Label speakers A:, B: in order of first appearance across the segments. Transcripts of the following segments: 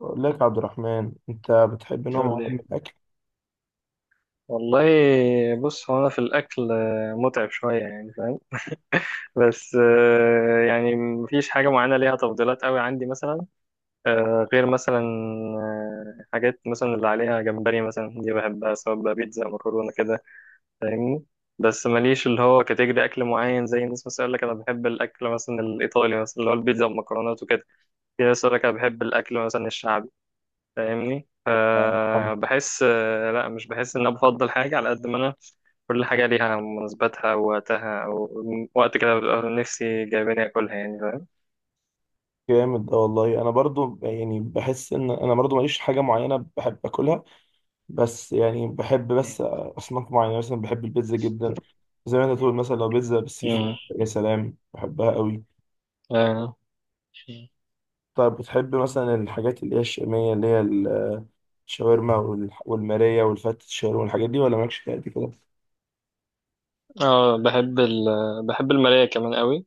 A: بقول لك يا عبد الرحمن انت بتحب نوع
B: يقول
A: معين من
B: لي
A: الاكل؟
B: والله. بص، هو انا في الاكل متعب شويه، يعني فاهم. بس يعني مفيش حاجه معينه ليها تفضيلات قوي عندي مثلا، غير مثلا حاجات مثلا اللي عليها جمبري مثلا دي بحبها، سواء بقى بيتزا، مكرونه كده، فاهمني؟ بس ماليش اللي هو كاتيجري اكل معين، زي الناس مثلا يقول لك انا بحب الاكل مثلا الايطالي مثلا اللي هو البيتزا والمكرونات وكده. في ناس يقول لك انا بحب الاكل مثلا الشعبي، فاهمني؟
A: آه،
B: فبحس، لا، مش بحس ان انا بفضل حاجه على قد ما انا كل حاجة ليها مناسباتها ووقتها، ووقت كده ببقى نفسي جايباني أكلها، يعني فاهم؟
A: جامد ده والله. انا برضو يعني بحس ان انا برضو ماليش حاجه معينه بحب اكلها، بس يعني بحب
B: مم.
A: بس اصناف معينه، مثلا بحب البيتزا جدا. زي ما انت تقول، مثلا لو بيتزا بالسي فود،
B: مم.
A: يا سلام بحبها قوي.
B: آه.
A: طب بتحب مثلا الحاجات اللي هي الشاميه، اللي هي الشاورما والماريه والفتة، الشاورما والحاجات دي، ولا مالكش فيها قد كده؟
B: اه بحب ال بحب المراية كمان قوي.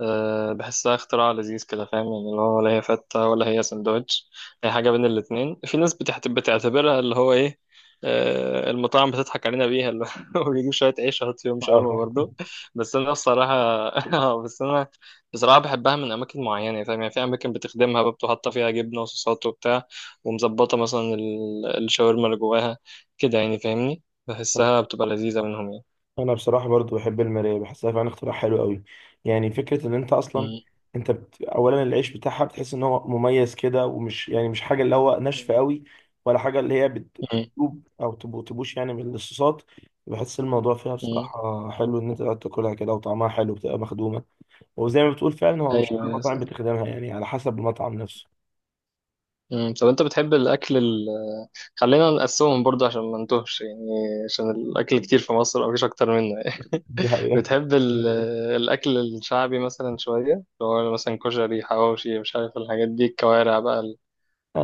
B: أه، بحسها اختراع لذيذ كده، فاهم يعني؟ اللي هو ولا هي فتة ولا هي سندوتش، هي حاجة بين الاتنين. في ناس بتعتبرها اللي هو ايه، أه، المطاعم بتضحك علينا بيها، اللي هو بيجيب شوية عيش يحط فيهم شاورما
A: اه،
B: برضه. بس أنا بصراحة بس أنا بصراحة بحبها من أماكن معينة، فاهم يعني؟ في أماكن بتخدمها بقى، بتبقى حاطة فيها جبنة وصوصات وبتاع، ومظبطة مثلا الشاورما اللي جواها كده، يعني فاهمني؟ بحسها بتبقى لذيذة منهم يعني.
A: انا بصراحه برضو بحب المرايه، بحسها فعلا اختراع حلو قوي. يعني فكره ان انت اصلا،
B: م-
A: اولا العيش بتاعها بتحس ان هو مميز كده، ومش يعني مش حاجه اللي هو ناشفه
B: م-
A: قوي، ولا حاجه اللي هي
B: م-
A: بتدوب او تبوش يعني من الصوصات. بحس الموضوع فيها
B: م.
A: بصراحه حلو، ان انت قاعد تاكلها كده وطعمها حلو بتبقى مخدومه. وزي ما بتقول فعلا، هو مش كل
B: أيوه.
A: المطاعم بتخدمها، يعني على حسب المطعم نفسه.
B: مم. طب انت بتحب الاكل ال... خلينا نقسمهم برضه عشان ما نتوهش يعني، عشان الاكل كتير في مصر، او مفيش اكتر منه يعني.
A: دي حقيقه.
B: بتحب ال... مم. الاكل الشعبي مثلا شويه، اللي هو مثلا كشري، حواوشي، مش عارف الحاجات دي، الكوارع بقى ال-،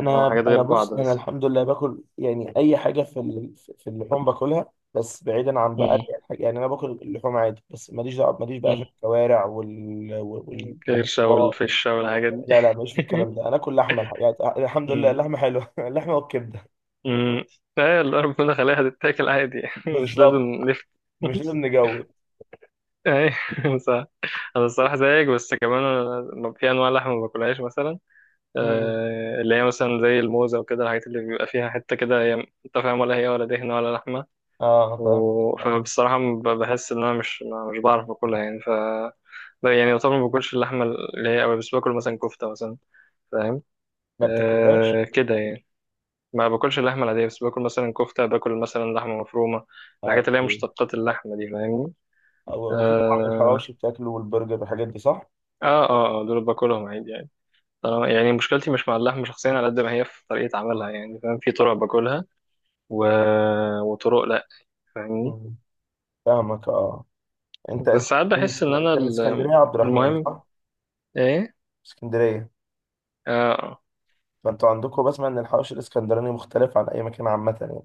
B: يعني هو حاجات
A: انا
B: غير
A: بص،
B: بعض
A: انا
B: بس.
A: الحمد لله باكل يعني اي حاجه في اللحوم باكلها، بس بعيدا عن بقى
B: مم.
A: دي الحاجة. يعني انا باكل اللحوم عادي، بس ماليش دعوه، ماليش بقى في
B: مم.
A: الكوارع وال وال
B: الكرشه
A: والمطبخ
B: والفشه والحاجات دي.
A: لا لا، ماليش في الكلام ده، انا اكل لحمه، الحاجات الحمد لله
B: مم.
A: اللحمه حلوه. اللحمه والكبده.
B: مم. ايه اللي ربنا خليها تتاكل عادي، مش لازم
A: بالظبط،
B: نفت.
A: مش لازم نجود.
B: ايه، صح. انا الصراحه زيك، بس كمان أنا في انواع لحمه ما باكلهاش مثلا،
A: امم.
B: اللي هي مثلا زي الموزة وكده، الحاجات اللي بيبقى فيها حتة كده، هي انت فاهم، ولا هي ولا دهنة ولا لحمة،
A: اه، فاهم.
B: و...
A: آه.
B: فبصراحة بحس إن أنا مش مش بعرف أكلها، يعني ف يعني طبعا ما باكلش اللحمة اللي هي أوي، بس باكل مثلا كفتة مثلا، فاهم؟
A: ما بتاكلهاش.
B: أه كده يعني، ما باكلش اللحمة العادية، بس باكل مثلا كفتة، باكل مثلا لحمة مفرومة،
A: اه،
B: الحاجات اللي هي
A: اوكي.
B: مشتقات اللحمة دي فاهمني؟
A: واكيد طبعا
B: اه
A: الحواوشي بتاكله والبرجر والحاجات دي، صح؟
B: اه اه، دول باكلهم عادي يعني. يعني مشكلتي مش مع اللحمة شخصيا، على قد ما هي في طريقة عملها، يعني فاهم؟ في طرق باكلها، و... وطرق لا، فاهمني؟
A: مم. فاهمك، اه. انت
B: بس
A: انت
B: ساعات
A: من
B: بحس
A: اسك-
B: ان انا
A: انت من
B: ال-،
A: اسكندريه يا عبد الرحمن،
B: المهم،
A: صح؟
B: ايه.
A: اسكندريه.
B: اه
A: فانتوا عندكم، بسمع ان الحوش الاسكندراني مختلف عن اي مكان عامه يعني.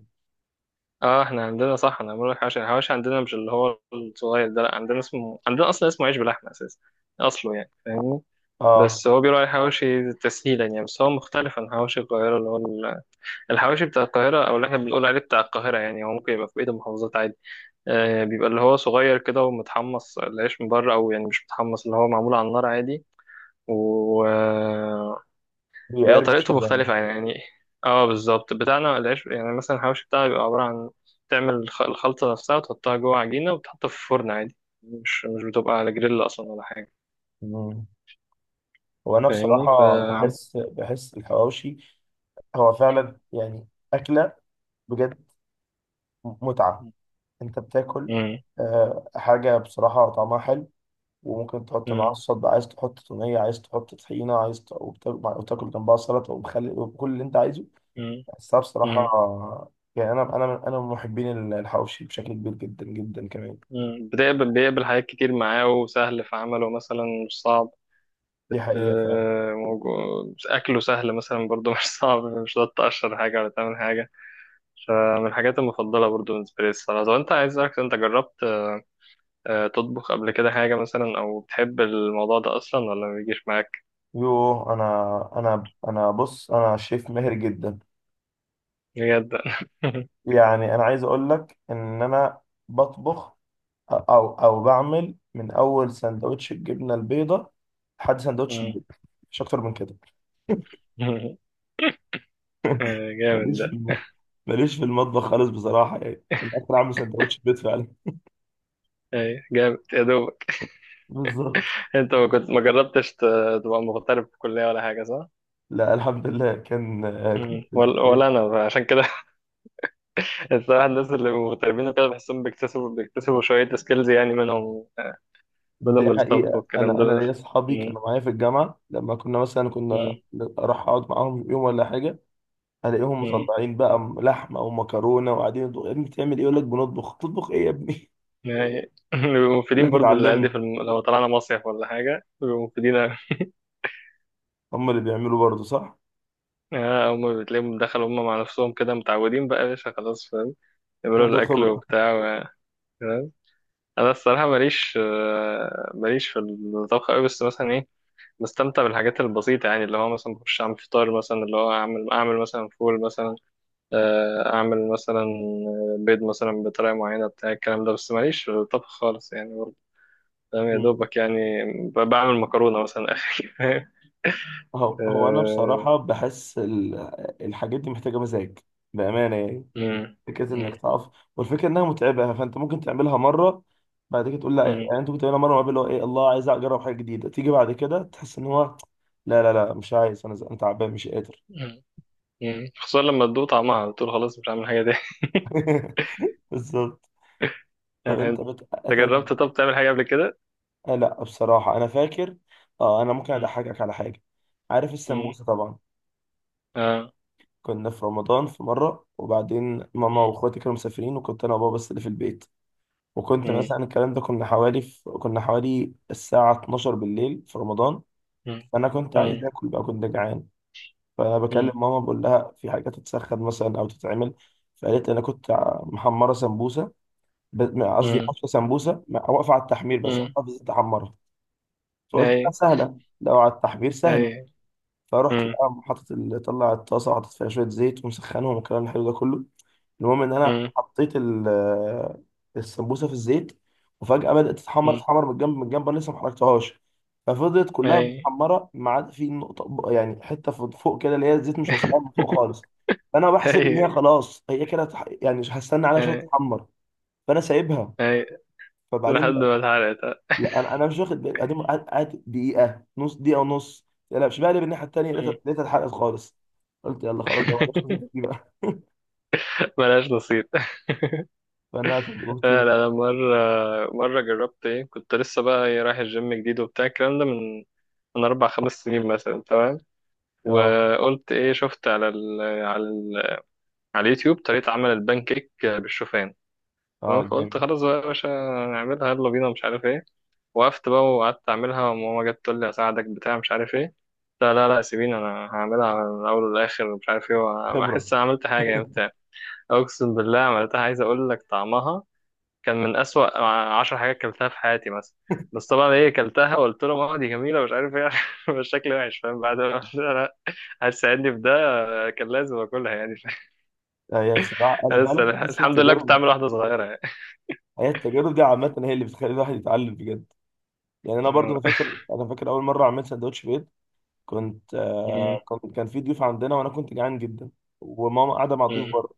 B: اه، احنا عندنا صح. انا بقول لك حواشي، الحواشي عندنا مش اللي هو الصغير ده، لا، عندنا اسمه، عندنا اصلا اسمه عيش بلحمه اساسا، اصله يعني فاهمني؟
A: اه،
B: بس هو بيقولوا عليه حواشي تسهيلا يعني، بس هو مختلف عن حواشي القاهره، اللي هو ال- الحواشي بتاع القاهره، او اللي احنا بنقول عليه بتاع القاهره، يعني هو ممكن يبقى في بقيه المحافظات عادي، آه، بيبقى اللي هو صغير كده، ومتحمص العيش من بره، او يعني مش متحمص، اللي هو معمول على النار عادي، و... بيبقى
A: بيقرمش
B: طريقته
A: كده يعني.
B: مختلفة يعني. اه بالظبط، بتاعنا العيش يعني، مثلا الحواوشي بتاعنا بيبقى عبارة عن، تعمل الخلطة نفسها وتحطها جوه عجينة وتحطها في فرن عادي، مش بتبقى على جريل أصلا ولا حاجة،
A: مم. وانا
B: فاهمني؟ ف
A: بصراحه بحس الحواوشي هو فعلا، يعني اكله بجد متعه. انت بتاكل
B: مم.
A: حاجه بصراحه طعمها حلو، وممكن تحط معاها
B: مم.
A: الصوص بقى، عايز تحط توميه، عايز تحط طحينه، وتاكل جنبها سلطه ومخلل وكل اللي انت عايزه.
B: مم.
A: بس أنا بصراحة
B: مم.
A: يعني أنا من محبين الحواوشي بشكل كبير جدا جدا كمان.
B: مم. بتقبل، بيقبل حاجات كتير معاه، وسهل في عمله مثلا، مش صعب،
A: دي حقيقة فعلا.
B: موجو- أكله سهل مثلا برضو، مش صعب، مش هتقعد تقشر حاجة ولا تعمل حاجة، فمن الحاجات المفضلة برضو بالنسبة لي الصراحة. طب أنت، عايز أسألك، أنت جربت تطبخ قبل كده حاجة مثلا، أو بتحب الموضوع ده أصلا ولا ما بيجيش معاك؟
A: يوه، أنا أنا أنا بص أنا شيف ماهر جدا.
B: بجد؟
A: يعني أنا عايز أقول لك إن أنا بطبخ أو بعمل من أول سندوتش الجبنة البيضاء لحد سندوتش
B: مم.
A: البيض، مش أكتر من كده.
B: جامد
A: ماليش في
B: ده.
A: الم... ماليش في المطبخ خالص بصراحة، يعني أنت أكتر عامل سندوتش البيض فعلا.
B: أي جامد يا دوبك.
A: بالظبط.
B: أنت ما كنت، ما جربتش ت- تبقى مغترب في الكلية ولا حاجة صح؟
A: لا الحمد لله، كنت
B: مم.
A: في
B: ولا
A: الكلية.
B: أنا عشان كده. الصراحة، الناس اللي مغتربين وكده بحسهم بيكتسبوا شوية سكيلز يعني، منهم منهم
A: دي
B: الطبخ
A: حقيقة،
B: والكلام
A: أنا
B: ده.
A: أنا ليا أصحابي
B: مم.
A: كانوا معايا في الجامعة، لما مثلا كنا
B: مم.
A: أروح أقعد معاهم يوم ولا حاجة، ألاقيهم
B: مم.
A: مطلعين بقى لحمة أو مكرونة وقاعدين يطبخوا. يا ابني بتعمل إيه؟ يقول لك بنطبخ. تطبخ إيه يا ابني؟
B: يعني بيبقوا
A: يقول
B: مفيدين
A: لك
B: برضو للعيال دي
A: اتعلمنا.
B: في لو طلعنا مصيف ولا حاجة بيبقوا مفيدين.
A: هم اللي بيعملوا برضه، صح؟
B: هما بتلاقيهم دخلوا هما مع نفسهم كده متعودين بقى، يا باشا خلاص فاهم؟ يعملوا
A: خدوا
B: الأكل
A: خبرة.
B: وبتاع، و- فاهم. أنا الصراحة ماليش، ماليش في الطبخ أوي، بس مثلا إيه، بستمتع بالحاجات البسيطة، يعني اللي هو مثلا بخش أعمل فطار مثلا، اللي هو أعمل، أعمل مثلا فول مثلا، أعمل مثلا بيض مثلا بطريقة معينة، بتاع الكلام ده، بس ماليش في الطبخ خالص يعني برضه، فاهم يا
A: مم.
B: دوبك يعني؟ بعمل مكرونة مثلا آخر.
A: هو أنا
B: آه،
A: بصراحة بحس الحاجات دي محتاجة مزاج، بأمانة يعني.
B: مم،
A: فكره انك
B: مم،
A: تقف، والفكره انها متعبه يعني، فانت ممكن تعملها مره، بعد كده تقول لا، يعني انت ممكن تعملها مره، وقبل اللي هو ايه، الله عايز اجرب حاجه جديده، تيجي بعد كده تحس ان هو لا لا لا، مش عايز، انا زهقان تعبان مش قادر.
B: مم، مم. خصوصا لما تدوق طعمها بتقول خلاص مش هعمل حاجة تاني.
A: بالظبط. طب انت
B: انت
A: بت... انت انت
B: جربت، طب تعمل حاجة قبل كده؟
A: آه، لا بصراحه انا فاكر. اه، انا ممكن
B: مم.
A: اضحكك على حاجه. عارف
B: مم.
A: السمبوسه طبعا،
B: اه.
A: كنا في رمضان في مره، وبعدين ماما
B: مم.
A: واخواتي كانوا مسافرين، وكنت انا وبابا بس اللي في البيت. وكنت
B: مم.
A: مثلا الكلام ده، كنا حوالي الساعه 12 بالليل في رمضان،
B: مم.
A: انا كنت عايز
B: مم.
A: اكل بقى، كنت جعان. فبكلم
B: مم.
A: ماما، بقول لها في حاجه تتسخن مثلا او تتعمل. فقالت لي انا كنت محمره سمبوسه، قصدي
B: مم.
A: حفصه سمبوسه، واقفه على التحمير، بس
B: مم.
A: واقفه في الزيت احمرها. فقلت لها
B: اي.
A: سهله، لو على التحمير سهله.
B: اي.
A: فرحت
B: مم.
A: بقى طلع الطاسه، وحطيت فيها شويه زيت ومسخنهم والكلام الحلو ده كله. المهم ان انا
B: مم.
A: حطيت السمبوسه في الزيت، وفجاه بدات تتحمر
B: مم.
A: تتحمر من الجنب، من الجنب انا لسه ما حركتهاش. ففضلت كلها
B: اي.
A: متحمره، ما عدا في نقطه يعني حته فوق فوق كده، اللي هي الزيت مش واصلها من فوق خالص. فانا بحسب ان هي
B: اي.
A: خلاص، هي كده يعني مش هستنى عليها، شويه
B: اي.
A: تتحمر، فانا سايبها.
B: اي. لحد
A: فبعدين
B: ما اتحرقت.
A: لا، انا مش واخد بالي، قعد دقيقه، نص دقيقه ونص. لا لا، مش بقلب الناحيه التانيه، لقيتها
B: مم.
A: لقيتها اتحرقت خالص. قلت يلا خلاص، ده مالهاش خبرتي بقى.
B: ملهاش نصيب.
A: فانا تجربتي.
B: لا لا، أنا مرة جربت ايه، كنت لسه بقى إيه، رايح الجيم جديد وبتاع الكلام ده، من من 4 أو 5 سنين مثلا، تمام؟
A: اه،
B: وقلت ايه، شفت على ال على ال على اليوتيوب طريقة عمل البان كيك بالشوفان، تمام؟
A: اه،
B: فقلت
A: جامد
B: خلاص بقى يا باشا نعملها يلا بينا، مش عارف ايه، وقفت بقى وقعدت اعملها، وماما جت تقول لي اساعدك، بتاع مش عارف ايه، لا لا لا سيبيني انا هعملها من الاول للاخر، مش عارف ايه،
A: خبره.
B: واحس انا عملت حاجه يعني بتاع. اقسم بالله عملتها، عايز اقول لك طعمها كان من اسوأ 10 حاجات كلتها في حياتي مثلا. بس طبعا ايه، كلتها وقلت له ماما دي جميله مش عارف ايه، بس شكلي وحش فاهم، بعد ما قلت لها لا، هتساعدني في ده، كان لازم اكلها يعني.
A: آه، هي بصراحه انا فعلا
B: بس أنا
A: بحس
B: الحمد لله كنت
A: التجارب،
B: عامل واحده صغيره يعني.
A: هي التجارب دي عامه هي اللي بتخلي الواحد يتعلم بجد. يعني انا برضو انا
B: آه.
A: فاكر انا فاكر اول مره عملت سندوتش بيض. كنت
B: مم.
A: آه كنت كان في ضيوف عندنا وانا كنت جعان جدا، وماما قاعده مع الضيوف
B: مم.
A: بره،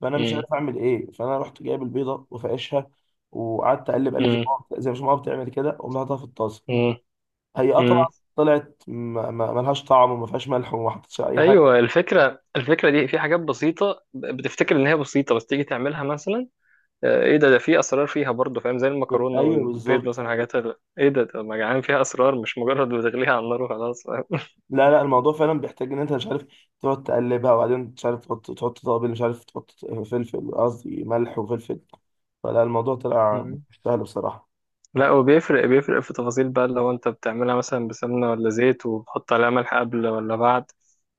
A: فانا مش
B: مم.
A: عارف اعمل ايه. فانا رحت جايب البيضه وفقشها، وقعدت اقلب اقلب
B: مم.
A: زي ما ماما بتعمل كده، وقمت حاططها في الطاسه.
B: مم.
A: هي
B: مم.
A: طبعا طلعت ملهاش طعم، وما فيهاش ملح، وما حطيتش اي حاجه.
B: ايوه الفكره دي في حاجات بسيطه، بتفتكر ان هي بسيطه، بس تيجي تعملها مثلا، ايه، ده في اسرار فيها برضه فاهم، زي المكرونه
A: ايوه
B: والبيض
A: بالظبط.
B: مثلا، حاجات ال- ايه ده ما جعان فيها اسرار، مش مجرد بتغليها على النار وخلاص فاهم.
A: لا لا، الموضوع فعلا بيحتاج ان انت مش عارف تقعد تقلبها، وبعدين مش عارف تحط توابل، مش عارف تحط فلفل، قصدي ملح وفلفل، فلا الموضوع طلع مش سهل بصراحه.
B: لا، هو بيفرق في تفاصيل بقى، لو انت بتعملها مثلا بسمنة ولا زيت، وبتحط عليها ملح قبل ولا بعد،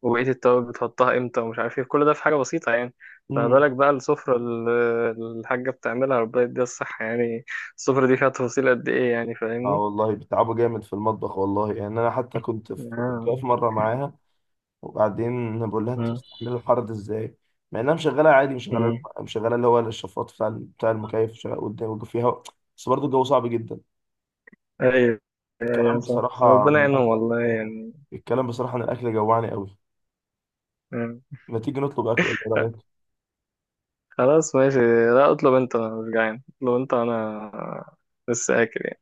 B: وبقية التوابل بتحطها امتى، ومش عارف ايه، كل ده في حاجة بسيطة يعني،
A: امم.
B: فبالك بقى السفرة اللي الحاجة بتعملها، ربنا يديها الصحة يعني، السفرة دي فيها تفاصيل قد ايه يعني
A: اه
B: فاهمني؟
A: والله، بيتعبوا جامد في المطبخ والله، يعني انا حتى كنت واقف
B: آه.
A: مره معاها، وبعدين بقول لها انت
B: مم.
A: مستحمله الحر ده ازاي، مع انها مشغله عادي، مشغله
B: مم.
A: مشغله اللي هو الشفاط بتاع المكيف شغال قدام، فيها بس برضه الجو صعب جدا.
B: ايوه. يا
A: الكلام
B: صح،
A: بصراحه
B: ربنا
A: عن
B: يعينهم
A: الاكل
B: والله يعني.
A: الكلام بصراحه عن الاكل جوعني قوي.
B: مم.
A: ما تيجي نطلب اكل، ولا ايه رايك؟
B: خلاص ماشي، لا اطلب انت، انا مش جعان، اطلب انت، انا لسه اكل يعني،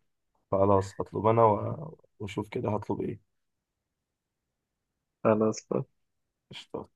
A: خلاص، هطلب انا واشوف كده هطلب ايه.
B: خلاص.
A: قشطة.